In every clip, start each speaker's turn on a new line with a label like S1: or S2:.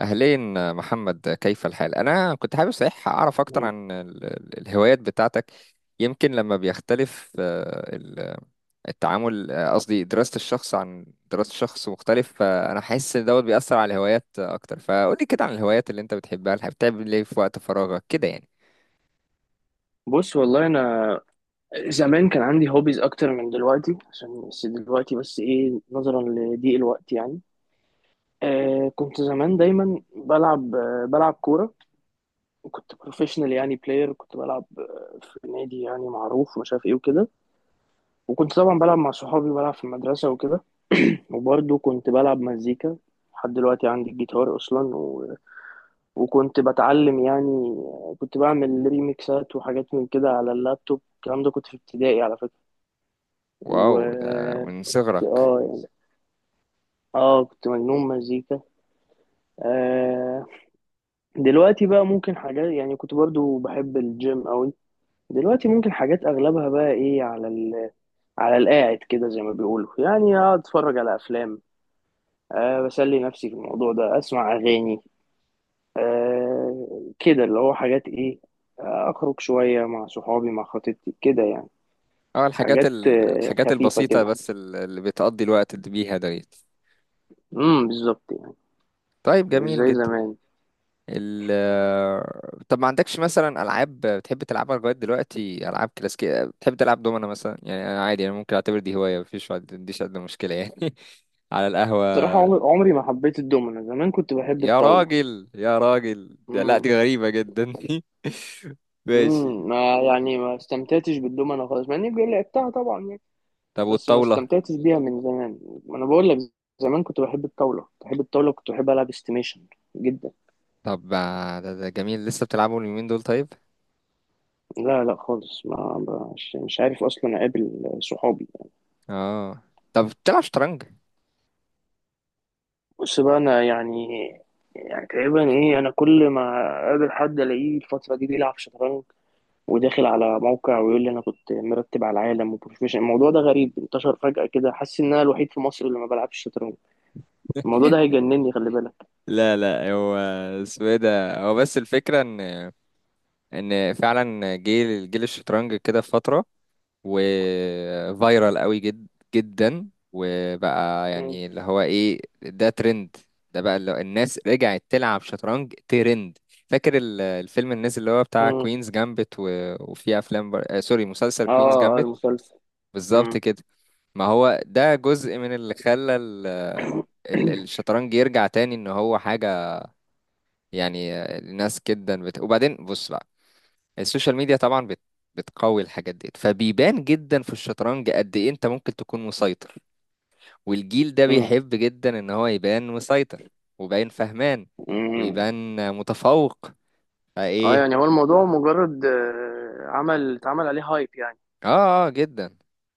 S1: أهلين محمد، كيف الحال؟ أنا كنت حابب صحيح أعرف أكتر
S2: مم.
S1: عن الهوايات بتاعتك. يمكن لما بيختلف التعامل، قصدي دراسة الشخص عن دراسة شخص مختلف، فأنا حاسس إن دوت بيأثر على الهوايات أكتر. فقولي كده عن الهوايات اللي أنت بتحبها، اللي بتعمل إيه في وقت فراغك كده يعني.
S2: بص والله انا زمان كان عندي هوبيز اكتر من دلوقتي، عشان بس دلوقتي بس ايه نظرا لضيق الوقت يعني. كنت زمان دايما بلعب بلعب كوره. كنت بروفيشنال يعني بلاير، كنت بلعب في نادي يعني معروف ومش عارف ايه وكده. وكنت طبعا بلعب مع صحابي، بلعب في المدرسه وكده. وبرضه كنت بلعب مزيكا، لحد دلوقتي عندي الجيتار اصلا وكنت بتعلم يعني. كنت بعمل ريميكسات وحاجات من كده على اللابتوب، الكلام ده كنت في ابتدائي على فكره.
S1: واو، ده من
S2: وكنت
S1: صغرك.
S2: يعني. اه كنت مجنون مزيكا. آه دلوقتي بقى ممكن حاجات، يعني كنت برضو بحب الجيم قوي. دلوقتي ممكن حاجات اغلبها بقى ايه على على القاعد كده زي ما بيقولوا، يعني اقعد اتفرج على افلام. بسلي نفسي في الموضوع ده، اسمع اغاني. كده اللي هو حاجات ايه. اخرج شوية مع صحابي، مع خطيبتي كده يعني.
S1: أه، الحاجات
S2: حاجات
S1: الحاجات
S2: خفيفة
S1: البسيطة
S2: كده.
S1: بس، اللي بتقضي الوقت بيها ديت.
S2: بالظبط يعني.
S1: طيب،
S2: مش
S1: جميل
S2: زي
S1: جدا.
S2: زمان.
S1: طب ما عندكش مثلا العاب بتحب تلعبها لغايه دلوقتي، العاب كلاسيكيه، بتحب تلعب دومنا مثلا؟ يعني انا عادي، انا ممكن اعتبر دي هوايه، مفيش، ما عنديش ادنى مشكله يعني على
S2: صراحة
S1: القهوه.
S2: عمري عمري ما حبيت الدومنة، زمان كنت بحب
S1: يا
S2: الطاولة.
S1: راجل، يا راجل ده، لا
S2: امم.
S1: دي غريبه جدا. ماشي.
S2: ما يعني ما استمتعتش بالدومنة خالص، مع اني بقول لعبتها طبعا يعني.
S1: طب
S2: بس ما
S1: والطاوله؟
S2: استمتعتش بيها من زمان. ما انا بقول لك، زمان كنت بحب الطاولة، كنت بحب الطاولة، كنت بحب العب استيميشن جدا.
S1: طب ما ده جميل، لسه بتلعبوا اليومين دول؟ طيب.
S2: لا لا خالص، ما مش عارف اصلا اقابل صحابي.
S1: اه. طب بتلعب شطرنج؟
S2: بص بقى انا يعني، يعني تقريبا ايه انا كل ما اقابل حد الاقيه الفترة دي بيلعب شطرنج، وداخل على موقع ويقول لي انا كنت مرتب على العالم وبروفيشنال. الموضوع ده غريب، انتشر فجأة كده، حاسس ان انا الوحيد في مصر اللي ما بلعبش شطرنج. الموضوع ده هيجنني، خلي بالك.
S1: لا، لا، هو اسمه ايه ده، هو بس الفكره ان فعلا جيل الشطرنج كده في فتره، وفايرال قوي جدا، وبقى
S2: مم.
S1: يعني اللي هو ايه، ده ترند. ده بقى اللي هو الناس رجعت تلعب شطرنج ترند. فاكر الفيلم، الناس اللي هو بتاع
S2: مم.
S1: كوينز جامبت وفي افلام سوري، مسلسل كوينز
S2: اه اه،
S1: جامبت.
S2: المسلسل.
S1: بالظبط
S2: مم.
S1: كده. ما هو ده جزء من اللي خلى الشطرنج يرجع تاني، ان هو حاجة يعني الناس جدا وبعدين بص، السوشيال ميديا طبعا بتقوي الحاجات دي، فبيبان جدا في الشطرنج قد ايه انت ممكن تكون مسيطر، والجيل ده
S2: مم.
S1: بيحب جدا ان هو يبان مسيطر، ويبان فهمان،
S2: مم.
S1: ويبان متفوق
S2: اه يعني
S1: فايه.
S2: هو الموضوع مجرد عمل اتعمل عليه هايب يعني.
S1: اه، اه، جدا.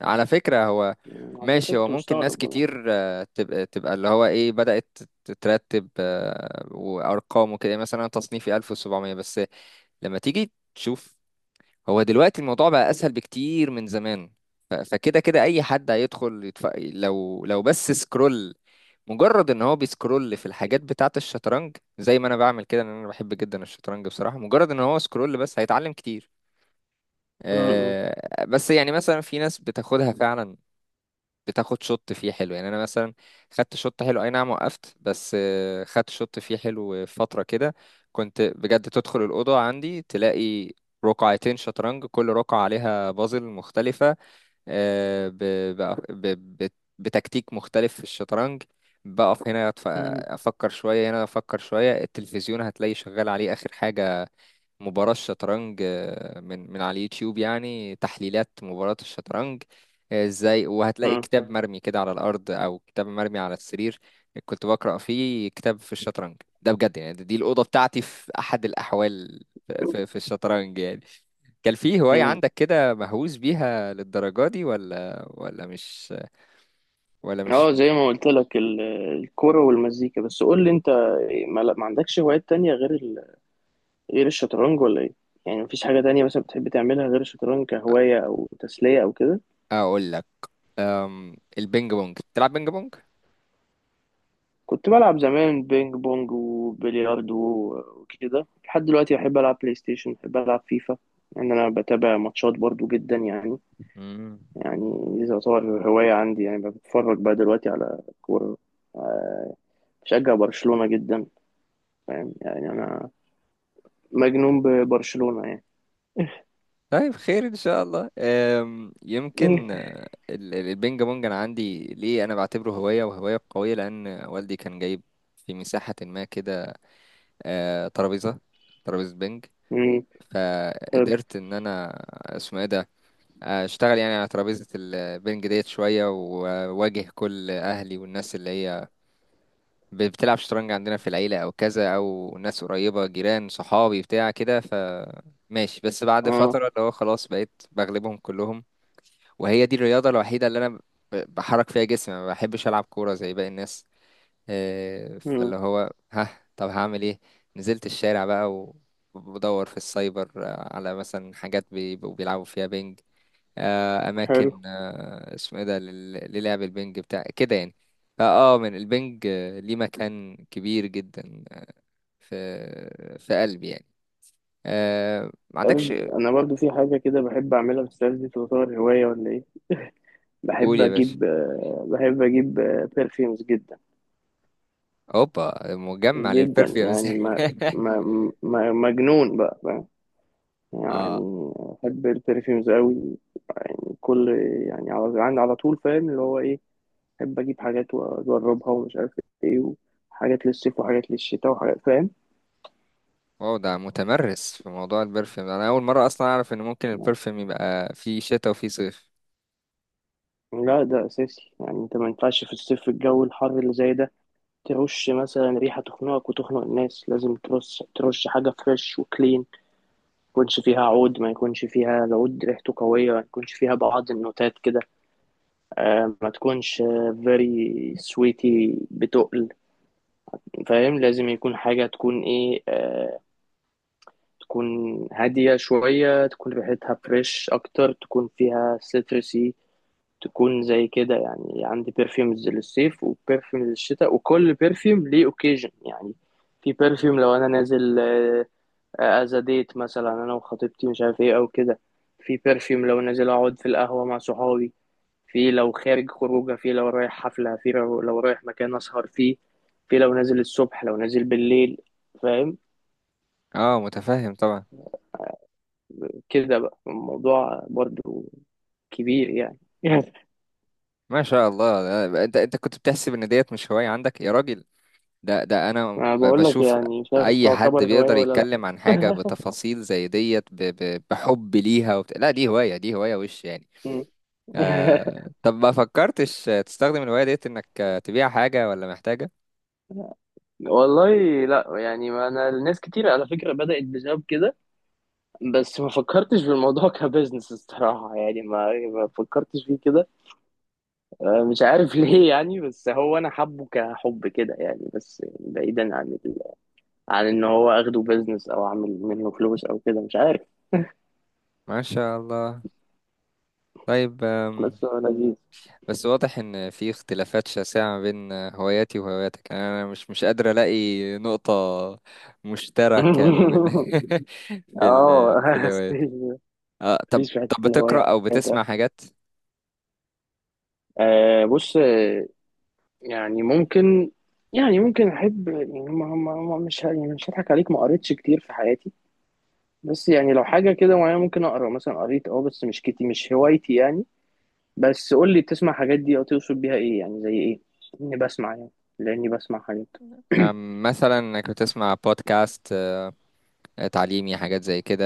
S1: على فكرة هو
S2: مم. عشان كده
S1: ماشي، هو
S2: كنت
S1: ممكن ناس
S2: مستغرب والله.
S1: كتير تبقى اللي هو ايه بدأت تترتب وارقام وكده، مثلا أنا تصنيفي 1700 بس لما تيجي تشوف. هو دلوقتي الموضوع بقى اسهل بكتير من زمان، فكده كده اي حد هيدخل لو بس سكرول، مجرد ان هو بيسكرول في الحاجات بتاعه الشطرنج زي ما انا بعمل كده، لان انا بحب جدا الشطرنج بصراحة، مجرد ان هو سكرول بس هيتعلم كتير.
S2: مم.
S1: بس يعني مثلا في ناس بتاخدها فعلا، بتاخد شوت فيه حلو، يعني انا مثلا خدت شوت حلو اي نعم، وقفت بس خدت شوت فيه حلو فترة كده. كنت بجد تدخل الأوضة عندي تلاقي رقعتين شطرنج، كل رقعة عليها بازل مختلفة، آه، ب- بأ- ب- ب- بتكتيك مختلف في الشطرنج. بقف هنا
S2: مم.
S1: افكر شوية، هنا افكر شوية، التلفزيون هتلاقي شغال عليه اخر حاجة، مباراة الشطرنج من على اليوتيوب، يعني تحليلات مباراة الشطرنج ازاي. وهتلاقي
S2: مم.
S1: كتاب مرمي كده على الأرض، أو كتاب مرمي على السرير، كنت بقرأ فيه كتاب في الشطرنج. ده بجد، يعني دي الأوضة بتاعتي في أحد الأحوال في الشطرنج يعني. كان في هواية
S2: مم.
S1: عندك كده مهووس بيها للدرجة دي، ولا مش، مش؟
S2: اه زي ما قلت لك، الكوره والمزيكا بس. قول لي انت، ما عندكش هوايات تانية غير الشطرنج ولا ايه؟ يعني مفيش حاجة تانية مثلا بتحب تعملها غير الشطرنج كهواية أو تسلية أو كده؟
S1: أقول لك، البينج بونج، بتلعب بينج بونج؟
S2: كنت بلعب زمان بينج بونج وبلياردو وكده، لحد دلوقتي بحب ألعب بلاي ستيشن، بحب ألعب فيفا، لأن يعني أنا بتابع ماتشات برضو جدا يعني.
S1: مم.
S2: يعني دي تعتبر هواية عندي، يعني بتفرج بقى دلوقتي على كورة، بشجع برشلونة جدا، فاهم؟ يعني أنا مجنون ببرشلونة يعني.
S1: طيب، خير ان شاء الله. يمكن البينج بونج انا عندي ليه، انا بعتبره هوايه وهوايه قويه، لان والدي كان جايب في مساحه ما كده ترابيزه، ترابيزه بينج،
S2: مم. حلو.
S1: فقدرت ان انا اسمه ايه ده اشتغل يعني على ترابيزه البينج ديت شويه، واواجه كل اهلي والناس اللي هي بتلعب شطرنج عندنا في العيله او كذا، او ناس قريبه، جيران، صحابي بتاع كده، ف ماشي. بس بعد
S2: اه.
S1: فترة اللي هو خلاص بقيت بغلبهم كلهم. وهي دي الرياضة الوحيدة اللي أنا بحرك فيها جسمي، ما بحبش ألعب كورة زي باقي الناس
S2: مم.
S1: فاللي هو ها. طب هعمل إيه؟ نزلت الشارع بقى وبدور في السايبر على مثلا حاجات بيبقوا بيلعبوا فيها بينج،
S2: حلو.
S1: أماكن اسمه إيه ده للعب البينج بتاع كده يعني. فأه من البينج ليه مكان كبير جدا في قلبي يعني. ما عندكش؟
S2: انا برضو في حاجه كده بحب اعملها، بس دي تعتبر هوايه ولا ايه؟
S1: قول يا باشا.
S2: بحب اجيب برفيومز جدا.
S1: اوبا، مجمع
S2: جدا
S1: للبرفيومز
S2: يعني، ما ما مجنون بقى، فاهم؟
S1: اه.
S2: يعني بحب البرفيومز قوي، يعني كل، يعني على عندي على طول فاهم اللي هو ايه، بحب اجيب حاجات واجربها ومش عارف ايه، وحاجات للصيف وحاجات للشتاء وحاجات، فاهم؟
S1: واو، ده متمرس في موضوع البرفيوم ده. انا اول مره اصلا اعرف ان ممكن البرفيوم يبقى فيه شتاء وفيه صيف.
S2: لا ده اساسي، يعني انت ما ينفعش في الصيف الجو الحر اللي زي ده ترش مثلا ريحة تخنقك وتخنق الناس. لازم ترش، حاجة فريش وكلين، ما يكونش فيها عود، ما يكونش فيها العود ريحته قوية، ما يكونش فيها بعض النوتات كده. ما تكونش very sweety بتقل، فاهم؟ لازم يكون حاجة تكون ايه، تكون هادية شوية، تكون ريحتها فريش أكتر، تكون فيها citrusy، تكون زي كده يعني. عندي برفيومز للصيف وبرفيوم للشتاء، وكل برفيوم ليه اوكيجن يعني. في برفيوم لو انا نازل از ديت مثلا انا وخطيبتي مش عارف ايه او كده، في برفيوم لو نازل اقعد في القهوة مع صحابي، في لو خارج خروجه، في لو رايح حفلة، في لو رايح مكان اسهر فيه، في لو نازل الصبح، لو نازل بالليل، فاهم؟
S1: اه، متفهم طبعا.
S2: كده بقى الموضوع برضو كبير يعني.
S1: ما شاء الله. ده، انت كنت بتحسب ان ديت مش هوايه عندك يا راجل. ده انا
S2: انا بقول لك
S1: بشوف
S2: يعني، مش عارف
S1: اي حد
S2: تعتبر هواية
S1: بيقدر
S2: ولا لا.
S1: يتكلم عن حاجه بتفاصيل زي ديت بحب ليها لا دي هوايه، دي هوايه وش يعني.
S2: مم.
S1: طب ما فكرتش تستخدم الهوايه ديت انك تبيع حاجه، ولا محتاجه؟
S2: والله لا، يعني ما انا الناس كتير على فكره بدات بسبب كده. بس ما فكرتش في الموضوع كبزنس الصراحه يعني، ما فكرتش فيه كده. مش عارف ليه يعني. بس هو انا حبه كحب كده يعني، بس بعيدا عن عن ان هو اخده بزنس او اعمل منه فلوس او كده، مش عارف.
S1: ما شاء الله. طيب.
S2: بس هو لذيذ.
S1: بس واضح ان في اختلافات شاسعة ما بين هواياتي وهواياتك، يعني انا مش قادر الاقي نقطة مشتركة ما بين في
S2: اه.
S1: الهوايات. آه، طب
S2: مفيش في حته
S1: بتقرأ
S2: الهوايات.
S1: او بتسمع حاجات؟
S2: بص، يعني ممكن، يعني ممكن احب يعني، ما ما ما مش ه- يعني مش هضحك عليك، ما قريتش كتير في حياتي. بس يعني لو حاجه كده معينه ممكن اقرا، مثلا قريت بس مش كتير، مش هوايتي يعني. بس قول لي، بتسمع حاجات دي او تقصد بيها ايه يعني؟ زي ايه؟ اني بسمع يعني، لاني بسمع حاجات؟
S1: مثلا انك بتسمع بودكاست تعليمي، حاجات زي كده،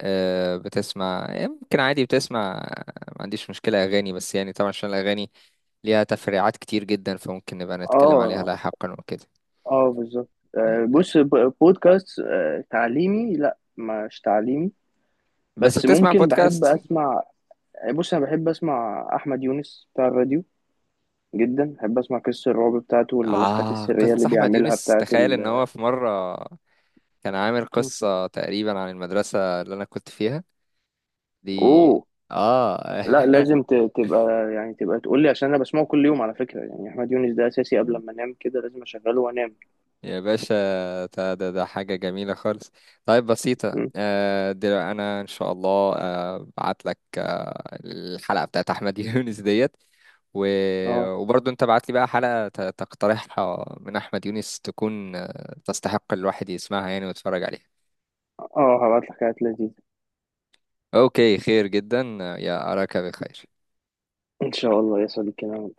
S1: بتسمع يمكن، عادي بتسمع ما عنديش مشكلة اغاني، بس يعني طبعا عشان الاغاني ليها تفريعات كتير جدا فممكن نبقى نتكلم عليها
S2: اه
S1: لاحقا وكده.
S2: اه بالظبط. بص، بودكاست تعليمي لا مش تعليمي،
S1: بس
S2: بس
S1: بتسمع
S2: ممكن بحب
S1: بودكاست؟
S2: اسمع. بص انا بحب اسمع احمد يونس بتاع الراديو جدا، بحب اسمع قصص الرعب بتاعته والملفات
S1: آه،
S2: السرية اللي
S1: قصة أحمد
S2: بيعملها
S1: يونس،
S2: بتاعت
S1: تخيل إن
S2: ال...
S1: هو في مرة كان عامل
S2: مم.
S1: قصة تقريبا عن المدرسة اللي أنا كنت فيها دي.
S2: اوه.
S1: آه.
S2: لا لازم تبقى يعني، تبقى تقول لي عشان انا بسمعه كل يوم على فكرة يعني. احمد يونس ده اساسي، قبل ما انام كده لازم اشغله وانام.
S1: يا باشا، ده حاجة جميلة خالص. طيب بسيطة،
S2: م.
S1: دلوقتي أنا إن شاء الله بعت لك الحلقة بتاعت أحمد يونس ديت و...
S2: اه،
S1: وبرضه أنت بعت لي بقى حلقة تقترحها من أحمد يونس، تكون تستحق الواحد يسمعها يعني ويتفرج عليها.
S2: اه هبعت لك حاجات لذيذة.
S1: اوكي، خير جدا. يا، اراك بخير.
S2: ان شاء الله يا صديقي انا